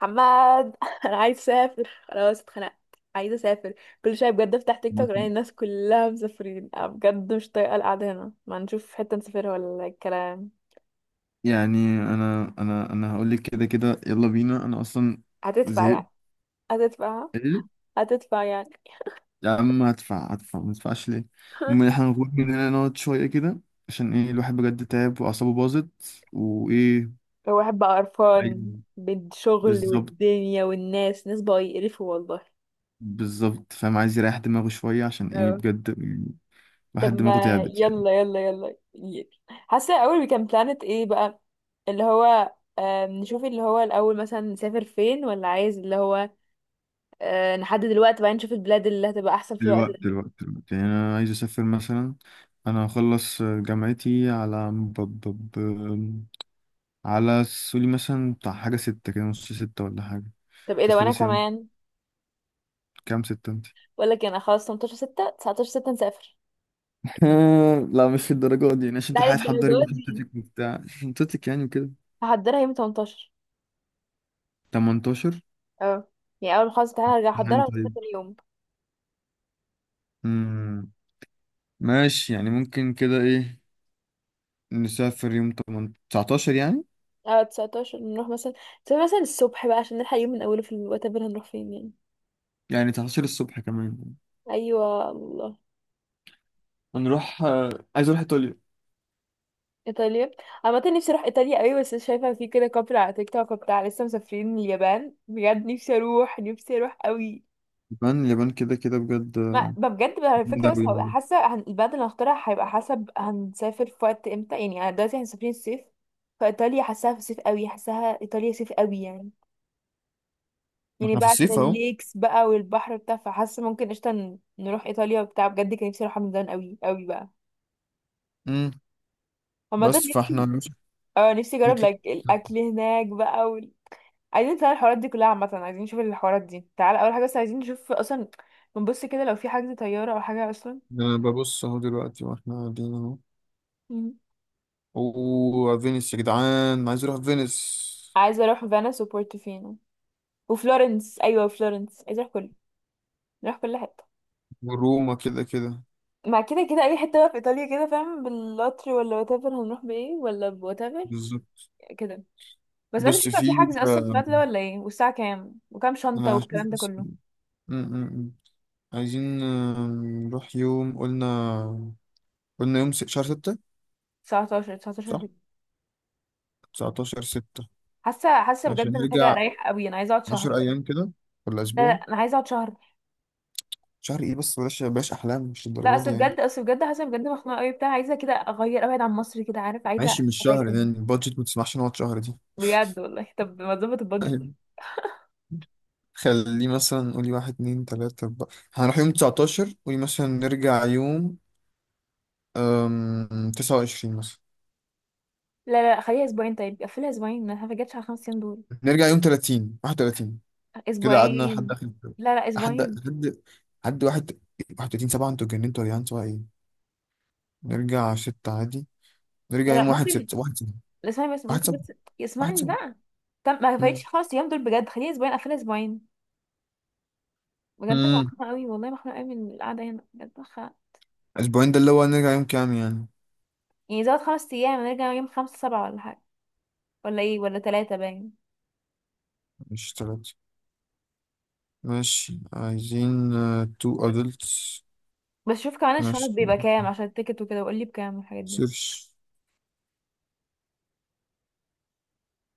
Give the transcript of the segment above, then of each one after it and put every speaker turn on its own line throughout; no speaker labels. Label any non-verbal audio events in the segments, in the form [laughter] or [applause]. حماد، [laughs] انا عايز اسافر، خلاص اتخنقت. عايزه اسافر. كل شويه بجد افتح تيك توك الاقي
مثلاً.
الناس كلها مسافرين. أنا بجد مش طايقه القعده هنا، ما نشوف حته نسافرها ولا الكلام؟
يعني انا هقول لك كده كده، يلا بينا. انا اصلا
هتدفع
زهقت.
يعني؟ هتدفع
ايه؟
هتدفع يعني؟
يا عم هدفع هدفع، ما تدفعش ليه؟ المهم
[laughs]
احنا هنخرج من هنا نقعد شويه كده، عشان ايه؟ الواحد بجد تعب واعصابه باظت، وايه.
الواحد بقى
عايز.
قرفان بالشغل
بالظبط،
والدنيا والناس، ناس بقى يقرفوا والله.
بالظبط، فاهم، عايز يريح دماغه شويه، عشان ايه؟
اه.
بجد
طب
الواحد دماغه
ما
تعبت يعني.
يلا يلا يلا يلا. حاسه الاول كان بلانت ايه بقى، اللي هو، نشوف اللي هو الاول مثلا نسافر فين، ولا عايز اللي هو، نحدد الوقت بعدين نشوف البلاد اللي هتبقى احسن في الوقت
دلوقتي
ده.
دلوقتي دلوقتي يعني انا عايز اسافر مثلا. انا هخلص جامعتي على على، سوري، مثلا بتاع حاجة ستة كده، نص ستة ولا حاجة.
طب ايه ده، وانا
تخلصي يعني.
كمان.
كام ستة انت؟
بقول لك إيه، انا خلاص 18 6 19 6 نسافر.
[laughs] لا مش الدرجات دي يعني، عشان
لا
تلحقي تحضري
للدرجه دي،
شنطتك وبتاع [laughs] شنطتك يعني كده.
هحضرها يوم 18.
18؟
اه. يعني اول ما خلاص تعالى ارجع
امتحان
احضرها وتبقى
طيب.
تاني يوم.
امم ماشي، يعني ممكن كده ايه، نسافر يوم 8 19 يعني.
اه، 19 نروح مثلا. تبقى مثلا الصبح بقى عشان نلحق يوم من اوله، في الوقت اللي هنروح فين يعني.
يعني 19 الصبح كمان.
ايوه الله
هنروح آه، عايز اروح ايطاليا.
ايطاليا. عامة نفسي اروح ايطاليا قوي، بس شايفه في كده كابل على تيك توك وبتاع لسه مسافرين اليابان، بجد نفسي اروح، نفسي اروح قوي.
اليابان، اليابان كده كده بجد
ما
آه،
ما بجد بقى الفكرة،
جامدة
بس
أوي
هبقى
يعني.
حاسة البلد اللي هختارها هيبقى حسب هنسافر في وقت امتى، يعني انا دلوقتي احنا مسافرين الصيف. فايطاليا حاساها في الصيف قوي، حاساها ايطاليا صيف قوي يعني.
ما
يعني
احنا في
بقى عشان
الصيف اهو.
الليكس بقى والبحر بتاع، فحاسة ممكن قشطة نروح ايطاليا وبتاع، بجد كان نفسي اروحها من زمان قوي قوي بقى.
امم
عامة
بس فاحنا
نفسي. اه، نفسي اجرب
نطلع.
لايك الاكل هناك بقى عايزين نتابع الحوارات دي كلها، عامة عايزين نشوف الحوارات دي، تعال اول حاجة بس عايزين نشوف اصلا. بنبص كده لو في حجز طيارة او حاجة اصلا.
انا ببص اهو دلوقتي واحنا قاعدين اهو.
مم.
اوه فينيس يا جدعان، أنا عايز اروح فينيس.
عايزة اروح فينيس وبورتوفينو وفلورنس، ايوه فلورنس، عايزه اروح كله. نروح كل حته.
وروما كده كده.
مع كده كده اي حته بقى في ايطاليا، كده فاهم، بالقطر ولا وات ايفر، هنروح بايه ولا بوات ايفر،
بالظبط.
كده. بس عايزه
بص
اشوف لو في
في
حجز اصلا في
آه،
الوقت ده ولا ايه، والساعه كام وكام شنطه
انا
والكلام ده
حاسس-
كله.
م- م- م. عايزين آه، نروح يوم، قلنا يوم شهر ستة.
19 19
صح.
ساعة.
19 ستة.
حاسه حاسه
عشان
بجد محتاجه
نرجع،
اريح قوي، انا عايزه اقعد شهر
10
بجد.
ايام كده ولا
لا لا،
اسبوع؟
انا عايزه اقعد شهر.
شهر ايه بس؟ بلاش بلاش احلام، مش
لا،
الدرجات دي
اصل
يعني.
بجد اصل بجد حاسه بجد مخنوقه قوي بتاع، عايزه كده اغير ابعد عن مصر كده عارف، عايزه
ماشي، مش
ابعد
شهر
قوي.
يعني، البادجت ما تسمحش نقعد شهر دي.
بجد والله، طب ما تظبط البادجت.
[laughs] خليه مثلا، قولي واحد اتنين تلاتة أربعة. هنروح يوم 19، قولي مثلا نرجع يوم 29 مثلا.
لا لا، خليها اسبوعين، طيب قفلها اسبوعين، انا ما جاتش على خمس ايام دول.
نرجع يوم 30، 31، كده قعدنا لحد
اسبوعين.
آخر الجو.
لا لا،
لحد
اسبوعين.
لحد لحد 31/7، انتوا اتجننتوا يا جدعان، سواء ايه. نرجع ستة عادي.
لا
نرجع يوم
لا،
واحد
ممكن.
ستة، واحد سبعة
لا، اسمعني بس
واحد
ممكن
سبعة
بس.
واحد
اسمعني
سبعة.
بقى. طب ما
مم.
فايتش خالص الايام دول بجد، خليني اسبوعين، اقفلها اسبوعين. بجد انا
مم.
مخنوقه قوي والله، مخنوقه قوي من القعده هنا، بجد مخنوقه.
أسبوعين ده اللي هو نرجع يوم كام يعني؟
يعني زود خمس ايام، نرجع يوم خمسة سبعة ولا حاجه، ولا ايه، ولا ثلاثة باين.
مش تلاتة. ماشي، عايزين تو أدلتس.
بس شوف كمان الشنط
ماشي
بيبقى كام عشان التيكت وكده، وقول لي بكام الحاجات دي.
سيرش،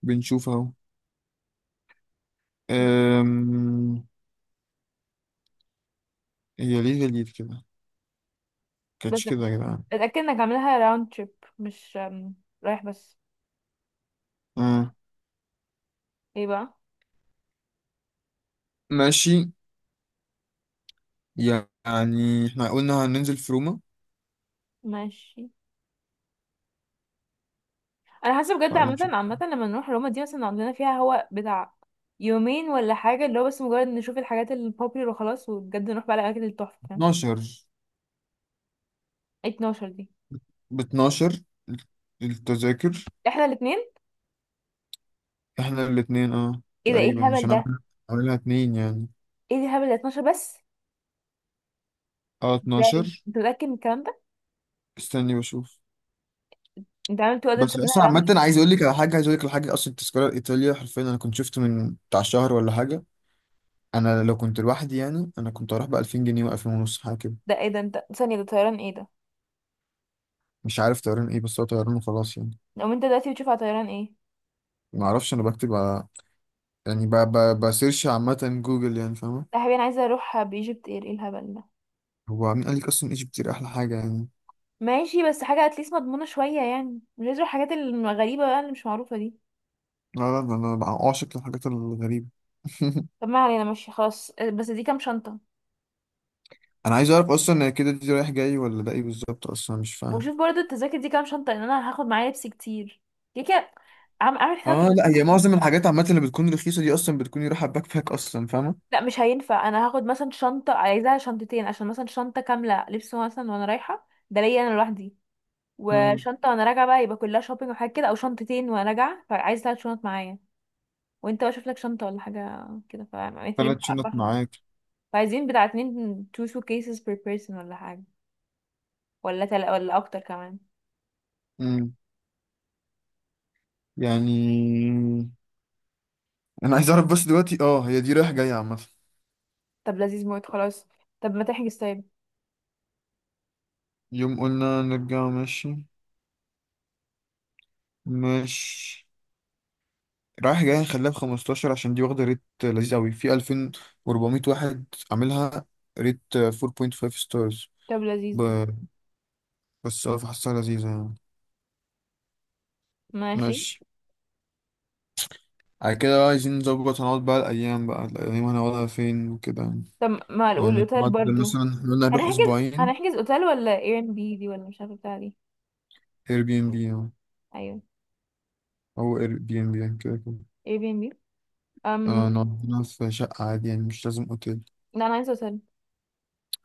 بنشوف اهو.
مم.
أم... هي ليه جديد كده؟ كانتش
بس
كده يا جدعان.
اتاكد انك عاملها راوند تريب، مش رايح بس.
أه.
ايه بقى.
ماشي يعني، احنا قلنا هننزل في روما.
ماشي. انا حاسه بجد،
تعالي
عامه
نشوف.
عامه لما نروح روما دي مثلا عندنا فيها هو بتاع يومين ولا حاجه، اللي هو بس مجرد نشوف الحاجات البوبيلر وخلاص، وبجد نروح بقى الاماكن التحفه فاهم.
12؟
12 دي.
ب 12 التذاكر.
احنا الاثنين.
احنا الاتنين اه
ايه ده، ايه
تقريبا،
الهبل
عشان
ده.
اعملها اتنين يعني.
ايه ده الهبل ده، 12 بس.
اه
ازاي.
12.
انت متاكد من الكلام ده.
استني بشوف.
انت عامل تو ادلتس
بس
منها
اصلا عامة،
رمل.
عايز اقول لك على حاجة. اصلا التذكرة الايطالية حرفيا، انا كنت شفت من بتاع شهر ولا حاجة. انا لو كنت لوحدي يعني، انا كنت هروح ب 2000 جنيه و2000 ونص حاجة كده.
ده ايه ده، انت ثانيه، ده طيران ايه ده.
مش عارف طيران ايه، بس هو طيران وخلاص يعني.
لو انت دلوقتي بتشوف على طيران ايه.
ما اعرفش، انا بكتب على، يعني بسيرش عامه جوجل يعني، فاهمه.
لا يا حبيبي، انا عايزه اروح بايجيبت اير، ايه الهبل ده.
هو مين قال لك اصلا ايجيبت دي احلى حاجه يعني؟
ماشي بس حاجه اتليست مضمونه شويه يعني، مش عايزه اروح الحاجات الغريبه بقى اللي مش معروفه دي.
لا، لا، ده انا بقى عاشق للحاجات الغريبه.
طب ما علينا، ماشي خلاص، بس دي كام شنطه.
[laughs] انا عايز اعرف اصلا كده، دي رايح جاي ولا ده ايه بالظبط، اصلا مش فاهم.
وشوف برضو التذاكر دي كام شنطة، لان انا هاخد معايا لبس كتير، كده كده. عم اعمل حسابك
اه،
ان انا
لا هي
مثلا
معظم
[laughs]
الحاجات عامه اللي بتكون رخيصه دي اصلا بتكون رايحه باك باك، اصلا فاهمه.
لا مش هينفع، انا هاخد مثلا شنطة، عايزاها شنطتين، عشان مثلا شنطة كاملة لبس مثلا وانا رايحة، ده ليا انا لوحدي.
امم
وشنطة وانا راجعة بقى، يبقى كلها شوبينج وحاجات كده، او شنطتين وانا راجعة، فعايز ثلاث شنط معايا. وانت بقى شوف لك شنطة ولا حاجة كده،
ثلاث
فمحتاجين
شنط
نعبرهم.
معاك؟
فعايزين بتاع اتنين two suitcases per person ولا حاجة. ولا ولا اكتر كمان.
امم يعني انا عايز اعرف بس دلوقتي، اه هي دي رايح جاي عامه.
طب لذيذ موت خلاص. طب ما تحجز طيب.
يوم قلنا نرجع ماشي. ماشي، رايح جاي، خليها ب 15 عشان دي واخده ريت لذيذ قوي في 2400 واحد، عاملها ريت 4.5 ستارز.
طب لذيذ.
ب... بس اه فحسها لذيذه يعني.
ماشي.
ماشي. على كده بقى عايزين نظبط، هنقعد بقى الايام، بقى الايام هنقعدها فين وكده يعني.
طب ما
يعني
الاوتيل
نقعد،
برضو.
مثلا إحنا قلنا نروح
هنحجز
اسبوعين.
هنحجز اوتيل ولا اير ان بي دي، ولا مش عارفه بتاع دي.
اير بي ام بي
ايوه
او اير بي ام بي يعني كده كده.
اير بي ان بي. ام
اه نقعد هنا في شقه عادي يعني، مش لازم اوتيل.
لا انا عايزه اوتيل.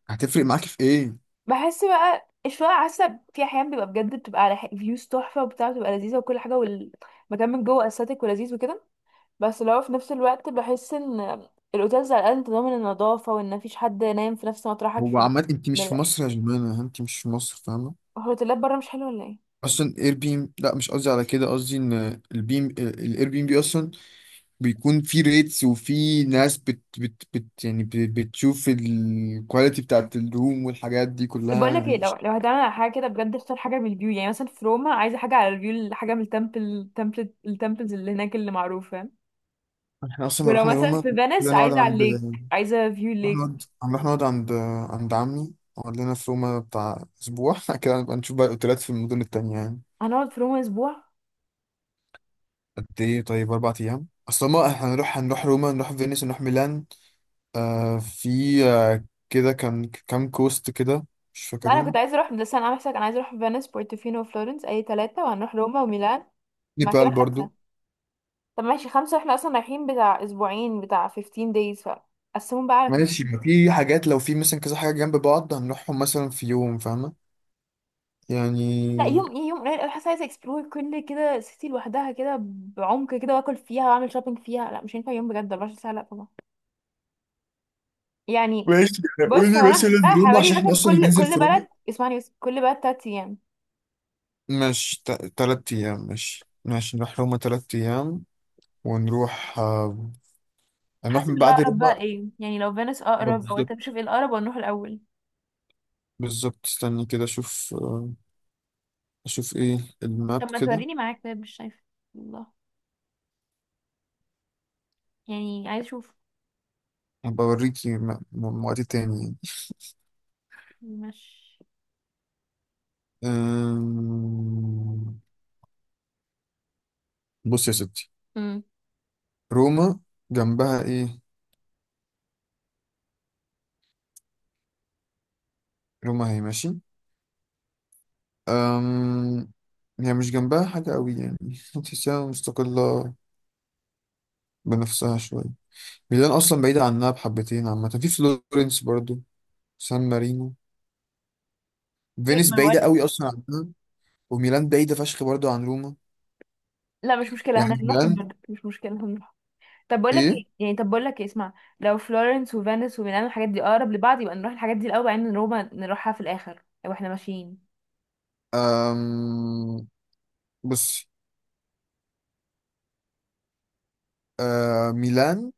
هتفرق معاك في ايه؟
بحس بقى الشقق عسب في احيان بيبقى بجد بتبقى على فيوز تحفه وبتاع، بتبقى لذيذه وكل حاجه والمكان من جوه استاتيك ولذيذ وكده. بس لو في نفس الوقت بحس ان الاوتيلز على الاقل انت ضامن النظافه، وان مفيش حد نايم في نفس مطرحك
هو
في
عمال، انت مش في
الم-
مصر يا جماعه، انت مش في مصر فاهمه.
الهوتيلات بره مش حلوه ولا ايه.
اصلا اير بي ام، لا مش قصدي على كده، قصدي ان البيم الاير بي ام بي اصلا بيكون في ريتس، وفي ناس بت يعني بتشوف الكواليتي بتاعت الروم والحاجات دي
طب بقول
كلها
لك
يعني
ايه، لو لو هتعمل على حاجه كده بجد، اختار حاجه من الفيو يعني. مثلا في روما عايزه حاجه على الفيو، حاجه من التمبلز اللي هناك اللي معروفه.
يعني احنا اصلا لو
ولو
رحنا
مثلا في
روما،
فينيس
كده نقعد
عايزه على
عند
الليك، عايزه فيو الليك.
رحنا نقعد رحنا نقعد عند عند عمي، قعد لنا في روما بتاع اسبوع. [laughs] كده نبقى نشوف بقى الاوتيلات في المدن التانية يعني.
هنقعد في روما اسبوع.
قد ايه طيب؟ 4 ايام اصلا، ما احنا هنروح روما، نروح فينيس، نروح ميلان. آه في، آه كده كان كام كوست كده، مش
لا انا
فاكرهم.
كنت عايزه اروح، بس انا عامله حسابك، انا عايزه اروح فينيس بورتوفينو وفلورنس، اي ثلاثه، وهنروح روما وميلان. مع كده
نيبال برضو.
خمسه. طب ماشي خمسه، احنا اصلا رايحين بتاع اسبوعين، بتاع 15 days، فقسمهم بقى على.
ماشي، ما في حاجات لو في مثلا كذا حاجة جنب بعض هنروحهم مثلا في يوم، فاهمة
لا
يعني.
يوم ايه، يوم قليل قوي، حاسه عايزه اكسبلور كل كده سيتي لوحدها كده بعمق كده، واكل فيها واعمل شوبينج فيها، لا مش هينفع يوم بجد 24 ساعه لا طبعا يعني.
ماشي.
بص هو
قولي
انا حسبتها
مثلا روما،
حوالي
عشان احنا
مثلا
اصلا
كل
هننزل
كل
في روما.
بلد، اسمعني بس، كل بلد تلات ايام.
مش 3 أيام؟ ماشي، ماشي نروح روما 3 أيام. ونروح آه، هنروح
حسب
من بعد
الاقرب
روما
بقى
آه،
ايه يعني، لو فينس اقرب او
بالظبط،
انت بتشوف ايه الاقرب ونروح الاول.
بالظبط، استني كده أشوف. آه أشوف إيه الماب
طب ما
كده.
توريني معاك طيب، مش شايفه. الله. يعني عايز اشوف.
هبقى أوريكي وقت تاني.
مش
أم... بص يا ستي.
امم
روما، جنبها ايه؟ روما هي ماشي. أم... هي مش جنبها حاجة قوي يعني. [laughs] تحسها مستقلة بنفسها شوية. ميلان أصلا بعيدة عنها بحبتين عامة. في فلورنس برضو، سان مارينو. فينيس
ما
بعيدة
بقول.
قوي أصلا عنها. وميلان بعيدة فشخ برضو عن روما.
لا مش مشكله،
يعني
هنروحهم
ميلان،
برضه، مش مشكله هنروحهم. طب بقول لك
إيه.
ايه يعني، طب بقول لك ايه، اسمع. لو فلورنس وفينيس وميلانو الحاجات دي اقرب لبعض، يبقى نروح الحاجات دي الاول، بعدين روما نروحها في الاخر لو احنا ماشيين.
أم... بص، آه ميلان.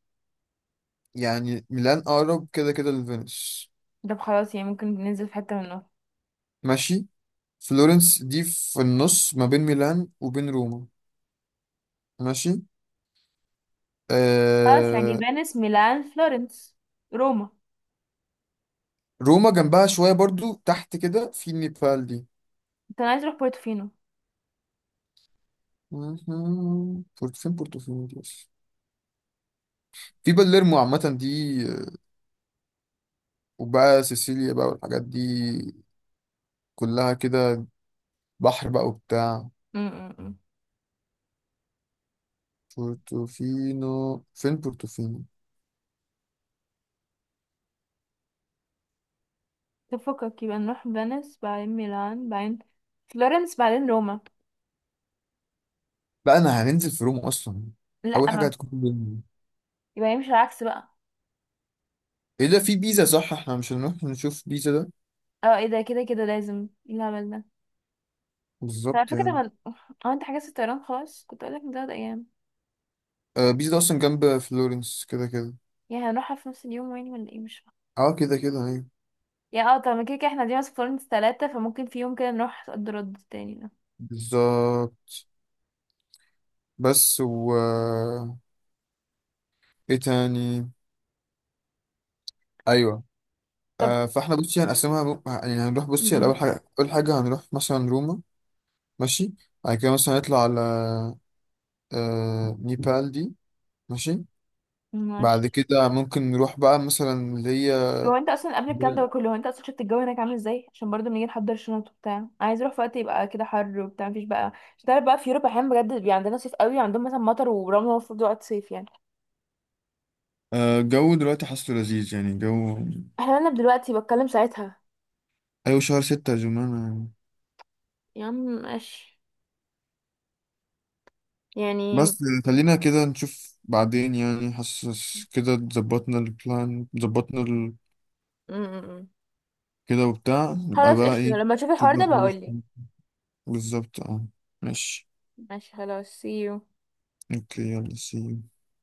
يعني ميلان أقرب كده كده لفينيس.
طب خلاص يعني ممكن ننزل في حته منهم.
ماشي. فلورنس دي في النص ما بين ميلان وبين روما. ماشي
خلاص يعني
آه.
فينيس ميلان فلورنس روما.
روما جنبها شوية برضو تحت كده، في نيبال دي.
انت أنا عايز اروح بورتوفينو.
مهم. فين بورتوفينو دي بس؟ في باليرمو عامة دي آه، وبقى سيسيليا بقى، والحاجات دي كلها كده، بحر بقى وبتاع.
امم
بورتوفينو، فين بورتوفينو؟
طب فكك، يبقى نروح فينيس بعدين ميلان بعدين فلورنس بعدين روما.
بقى انا هننزل في روما اصلا،
لا
اول حاجة
ما.
هتكون بيلمو.
يبقى يمشي العكس بقى.
ايه ده، في بيزا صح، احنا مش هنروح نشوف بيزا ده؟
اه ايه ده، كده كده لازم، ايه الهبل ده. طب على
بالظبط
فكره، طب
يعني
هو انت حجزت الطيران خلاص، كنت اقول لك من تلات ايام.
آه، بيس ده اصلا جنب فلورنس كده كده.
يعني هنروحها في نفس اليوم يعني ولا ايه، مش.
اه كده كده ايوه.
يا اه، طب ما كده كده احنا دي في فلورنس تلاتة، فممكن في يوم كده نروح صد رد تاني ده.
بالظبط. بس و، ايه تاني، ايوه.
طب
آه، فاحنا بصي هنقسمها يعني هنروح بصي على
م-
اول حاجه هنروح مثلا روما. ماشي. بعد كده مثلا هنطلع على آه نيبال دي. ماشي.
م.
بعد
ماشي.
كده ممكن نروح بقى مثلا اللي هي
هو انت اصلا قبل الكلام ده كله، هو انت اصلا شفت الجو هناك عامل ازاي، عشان برضه بنيجي نحضر الشنط وبتاع، انا عايز اروح في وقت يبقى كده حر وبتاع، مفيش بقى. مش تعرف بقى في اوروبا احيانا بجد بيبقى عندنا صيف قوي عندهم مثلا مطر ورمل، المفروض وقت صيف يعني.
آه، الجو دلوقتي حاسه لذيذ يعني جو.
احنا مالنا دلوقتي، بتكلم ساعتها.
أيوة شهر ستة يا جماعة.
يا عم ماشي. يعني م-
بس خلينا كده نشوف بعدين يعني. حاسس كده ظبطنا البلان، ظبطنا
م- م.
كده وبتاع، نبقى
خلاص
بقى
قشطة،
ايه.
لما تشوف
نشوف
الحوار
بقى
ده
حوار
بقولي.
الفلوس. بالظبط اه. ماشي
ماشي خلاص see you
اوكي يلا سي.